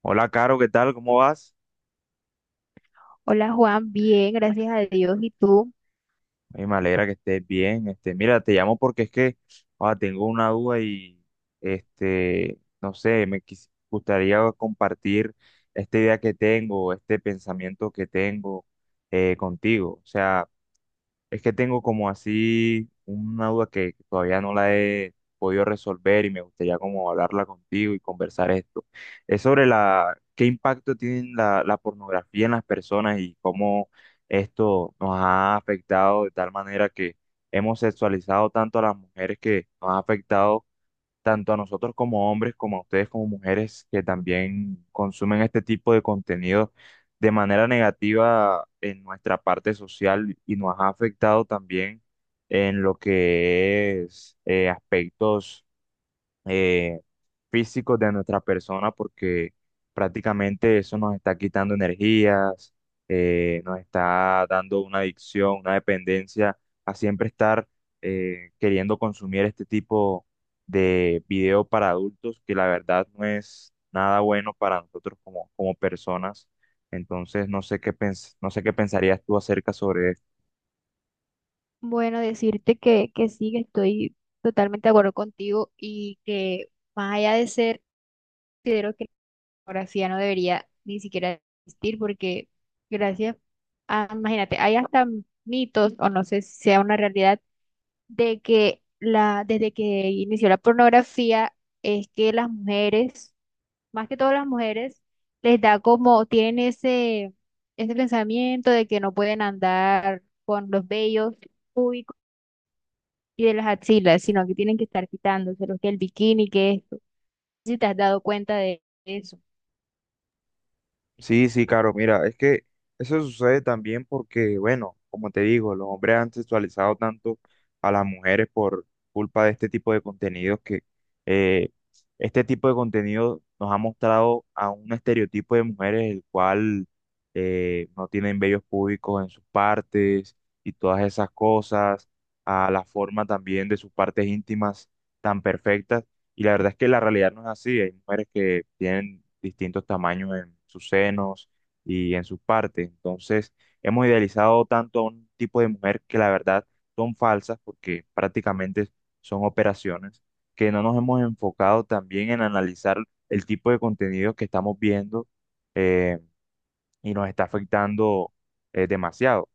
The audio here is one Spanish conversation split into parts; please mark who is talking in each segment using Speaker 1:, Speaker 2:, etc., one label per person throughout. Speaker 1: Hola, Caro, ¿qué tal? ¿Cómo vas?
Speaker 2: Hola Juan, bien, gracias a Dios. ¿Y tú?
Speaker 1: Ay, me alegra que estés bien. Mira, te llamo porque es que tengo una duda y no sé, gustaría compartir esta idea que tengo, este pensamiento que tengo contigo. O sea, es que tengo como así una duda que todavía no la he podido resolver y me gustaría como hablarla contigo y conversar esto. Es sobre qué impacto tiene la pornografía en las personas y cómo esto nos ha afectado de tal manera que hemos sexualizado tanto a las mujeres que nos ha afectado tanto a nosotros como hombres, como a ustedes como mujeres que también consumen este tipo de contenido de manera negativa en nuestra parte social y nos ha afectado también en lo que es aspectos eh, físicos de nuestra persona porque prácticamente eso nos está quitando energías, nos está dando una adicción, una dependencia a siempre estar queriendo consumir este tipo de video para adultos que la verdad no es nada bueno para nosotros como personas. Entonces, no sé qué pensarías tú acerca sobre.
Speaker 2: Bueno, decirte que sí, que estoy totalmente de acuerdo contigo y que más allá de ser, considero que la pornografía no debería ni siquiera existir porque gracias a, imagínate, hay hasta mitos, o no sé si sea una realidad, de que desde que inició la pornografía es que las mujeres más que todas las mujeres, les da como, tienen ese pensamiento de que no pueden andar con los vellos públicos y de las axilas, sino que tienen que estar quitándoselos, que el bikini, que esto. Si te has dado cuenta de eso,
Speaker 1: Sí, sí, claro, mira, es que eso sucede también porque, bueno, como te digo, los hombres han sexualizado tanto a las mujeres por culpa de este tipo de contenidos que eh, este tipo de contenido nos ha mostrado a un estereotipo de mujeres el cual no tienen vellos públicos en sus partes y todas esas cosas, a la forma también de sus partes íntimas tan perfectas y la verdad es que la realidad no es así. Hay mujeres que tienen distintos tamaños en sus senos y en sus partes. Entonces, hemos idealizado tanto a un tipo de mujer que la verdad son falsas porque prácticamente son operaciones, que no nos hemos enfocado también en analizar el tipo de contenido que estamos viendo eh, y nos está afectando demasiado.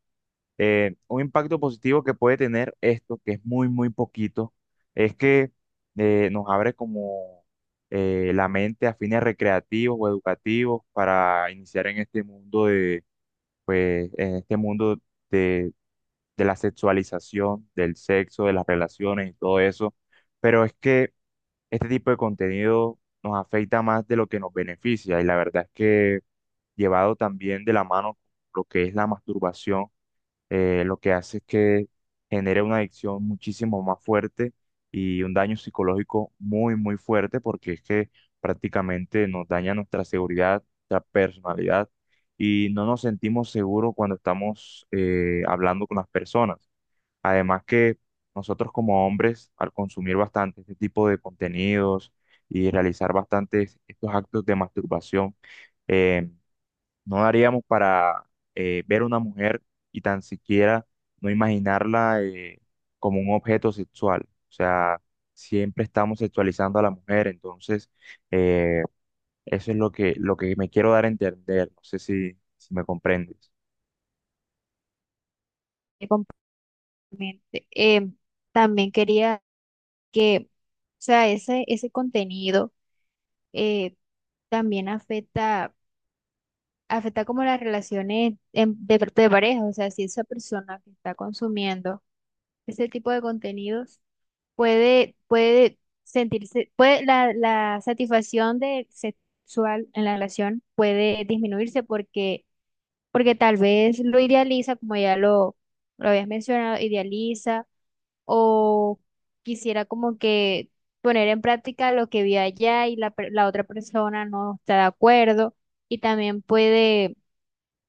Speaker 1: Un impacto positivo que puede tener esto, que es muy, muy poquito, es que nos abre como la mente a fines recreativos o educativos para iniciar en este mundo de, pues, en este mundo de, de la sexualización, del sexo, de las relaciones y todo eso. Pero es que este tipo de contenido nos afecta más de lo que nos beneficia y la verdad es que llevado también de la mano con lo que es la masturbación, lo que hace es que genere una adicción muchísimo más fuerte y un daño psicológico muy, muy fuerte porque es que prácticamente nos daña nuestra seguridad, nuestra personalidad y no nos sentimos seguros cuando estamos hablando con las personas. Además que nosotros como hombres, al consumir bastante este tipo de contenidos y realizar bastantes estos actos de masturbación, em, no daríamos para ver a una mujer y tan siquiera no imaginarla como un objeto sexual. O sea, siempre estamos sexualizando a la mujer, entonces eh, eso es lo lo que me quiero dar a entender. No sé si me comprendes.
Speaker 2: de completamente. También quería que, o ese contenido eh, también afecta como las relaciones de pareja. O sea, si esa persona que está consumiendo ese tipo de contenidos la satisfacción de sexual en la relación puede disminuirse, porque, porque tal vez lo idealiza, como ya lo habías mencionado, idealiza o quisiera como que poner en práctica lo que vio allá y la otra persona no está de acuerdo, y también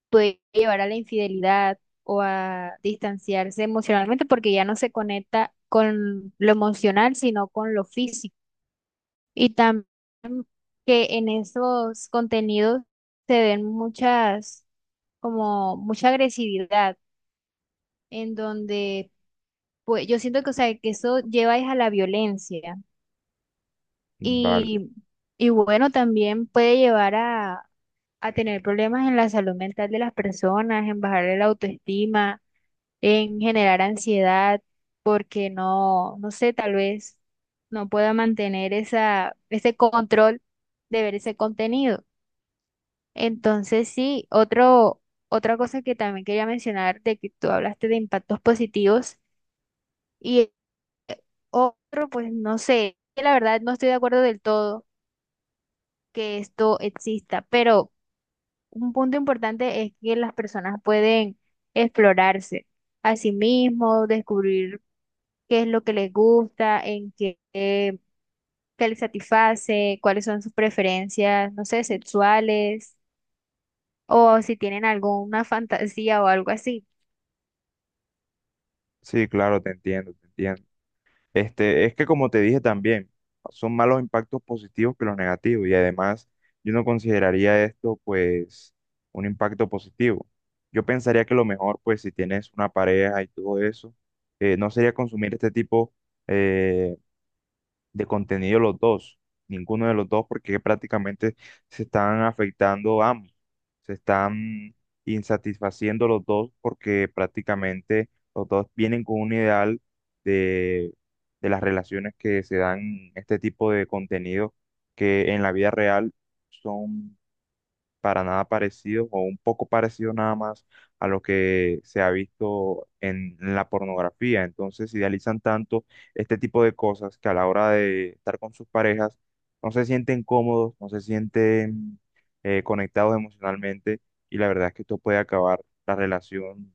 Speaker 2: puede llevar a la infidelidad o a distanciarse emocionalmente porque ya no se conecta con lo emocional, sino con lo físico. Y también que en esos contenidos se ven mucha agresividad, en donde pues yo siento que, o sea, que eso lleva es a la violencia.
Speaker 1: Vale.
Speaker 2: Y, y bueno, también puede llevar a tener problemas en la salud mental de las personas, en bajar la autoestima, en generar ansiedad porque no, no sé, tal vez no pueda mantener ese control de ver ese contenido. Entonces, sí, otra cosa que también quería mencionar de que tú hablaste de impactos positivos y eh, otro, pues no sé, que la verdad no estoy de acuerdo del todo que esto exista, pero un punto importante es que las personas pueden explorarse a sí mismos, descubrir qué es lo que les gusta, en qué, qué les satisface, cuáles son sus preferencias, no sé, sexuales, o si tienen alguna fantasía o algo así.
Speaker 1: Sí, claro, te entiendo, te entiendo. Este, es que como te dije también, son más los impactos positivos que los negativos y además yo no consideraría esto pues un impacto positivo. Yo pensaría que lo mejor pues si tienes una pareja y todo eso, no sería consumir este tipo eh, de contenido los dos, ninguno de los dos, porque prácticamente se están afectando ambos, se están insatisfaciendo los dos porque prácticamente los dos vienen con un ideal de, de las relaciones que se dan en este tipo de contenido que en la vida real son para nada parecido o un poco parecido nada más a lo que se ha visto en la pornografía. Entonces idealizan tanto este tipo de cosas que a la hora de estar con sus parejas no se sienten cómodos, no se sienten conectados emocionalmente y la verdad es que esto puede acabar la relación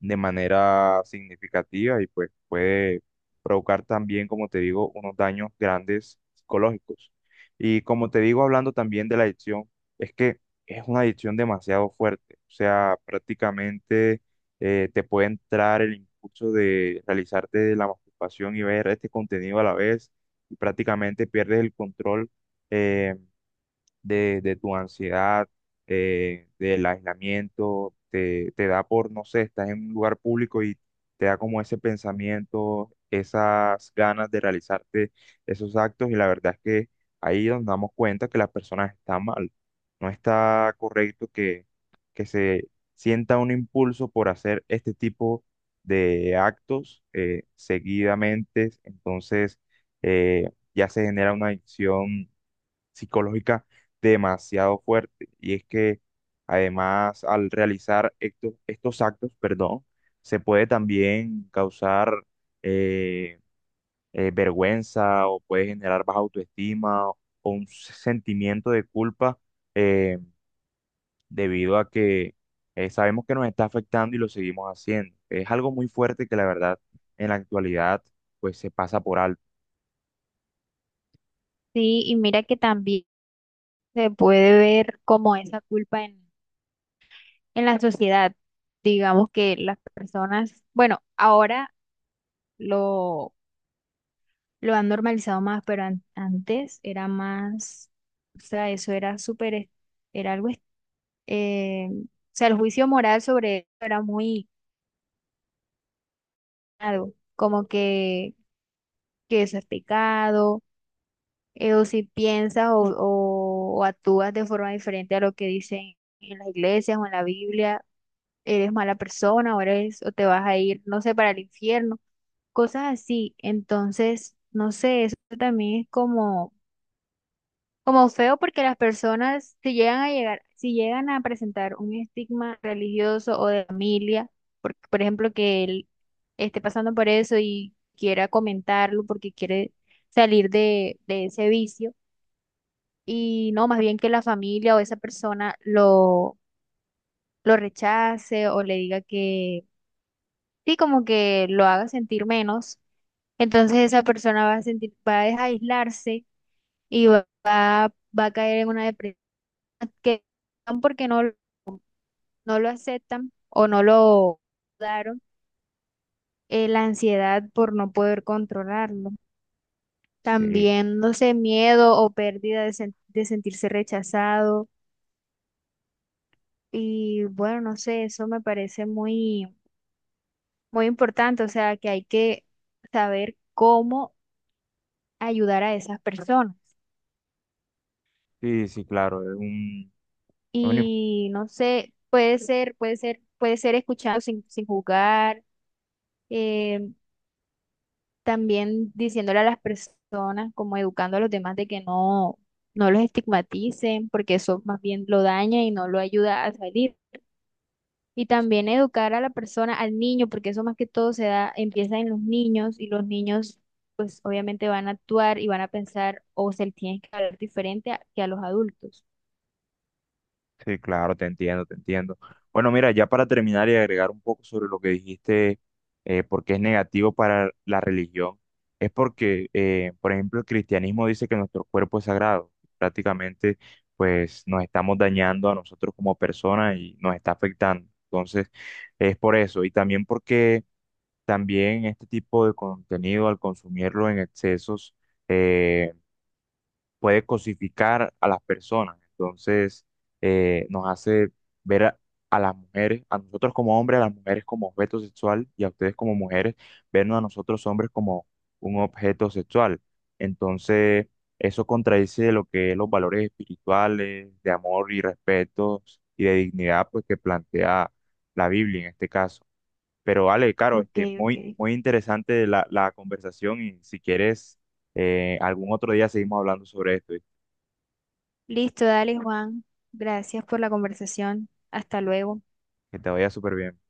Speaker 1: de manera significativa y pues puede provocar también, como te digo, unos daños grandes psicológicos. Y como te digo, hablando también de la adicción, es que es una adicción demasiado fuerte, o sea, prácticamente te puede entrar el impulso de realizarte la masturbación y ver este contenido a la vez y prácticamente pierdes el control eh, de tu ansiedad, del aislamiento, te da por, no sé, estás en un lugar público y te da como ese pensamiento, esas ganas de realizarte esos actos y la verdad es que ahí nos damos cuenta que las personas están mal. No está correcto que se sienta un impulso por hacer este tipo de actos seguidamente, entonces ya se genera una adicción psicológica demasiado fuerte. Y es que además al realizar estos actos, perdón, se puede también causar eh, vergüenza o puede generar baja autoestima o, un sentimiento de culpa, eh, debido a que sabemos que nos está afectando y lo seguimos haciendo. Es algo muy fuerte que la verdad en la actualidad pues se pasa por alto.
Speaker 2: Sí, y mira que también se puede ver como esa culpa en la sociedad. Digamos que las personas, bueno, ahora lo, lo han normalizado más, pero antes era más, o sea, eso era era o sea, el juicio moral sobre eso era como que eso es pecado, o si piensas o actúas de forma diferente a lo que dicen en las iglesias o en la Biblia, eres mala persona o eres, o te vas a ir, no sé, para el infierno, cosas así. Entonces, no sé, eso también es como como feo, porque las personas, si llegan a presentar un estigma religioso o de familia, por ejemplo, que él esté pasando por eso y quiera comentarlo porque quiere salir de ese vicio, y no, más bien que la familia o esa persona lo rechace o le diga que sí, como que lo haga sentir menos, entonces esa persona va a aislarse y va a caer en una depresión que no, porque no, no lo aceptan o no lo daron, la ansiedad por no poder controlarlo.
Speaker 1: Sí,
Speaker 2: También, no sé, miedo o pérdida de, de sentirse rechazado. Y bueno, no sé, eso me parece muy, muy importante. O sea, que hay que saber cómo ayudar a esas personas.
Speaker 1: sí, sí, claro, es un, es una.
Speaker 2: Y no sé, puede ser escuchado sin, sin juzgar. eh, También diciéndole a las personas, como educando a los demás, de que no, no los estigmaticen, porque eso más bien lo daña y no lo ayuda a salir. Y también educar a la persona, al niño, porque eso más que todo se da, empieza en los niños, y los niños pues obviamente van a actuar y van a pensar, o se les tiene que hablar diferente que a los adultos.
Speaker 1: Sí, claro, te entiendo, te entiendo. Bueno, mira, ya para terminar y agregar un poco sobre lo que dijiste, por qué es negativo para la religión, es porque, por ejemplo, el cristianismo dice que nuestro cuerpo es sagrado. Prácticamente, pues nos estamos dañando a nosotros como personas y nos está afectando. Entonces, es por eso. Y también porque también este tipo de contenido, al consumirlo en excesos, eh, puede cosificar a las personas. Entonces, nos hace ver a las mujeres, a nosotros como hombres, a las mujeres como objeto sexual y a ustedes como mujeres, vernos a nosotros hombres como un objeto sexual. Entonces, eso contradice lo que es los valores espirituales, de amor y respeto y de dignidad, pues que plantea la Biblia en este caso. Pero vale, Caro,
Speaker 2: Ok,
Speaker 1: este, muy,
Speaker 2: ok.
Speaker 1: muy interesante la conversación y si quieres, algún otro día seguimos hablando sobre esto.
Speaker 2: Listo, dale, Juan. Gracias por la conversación. Hasta luego.
Speaker 1: Que te vaya súper bien.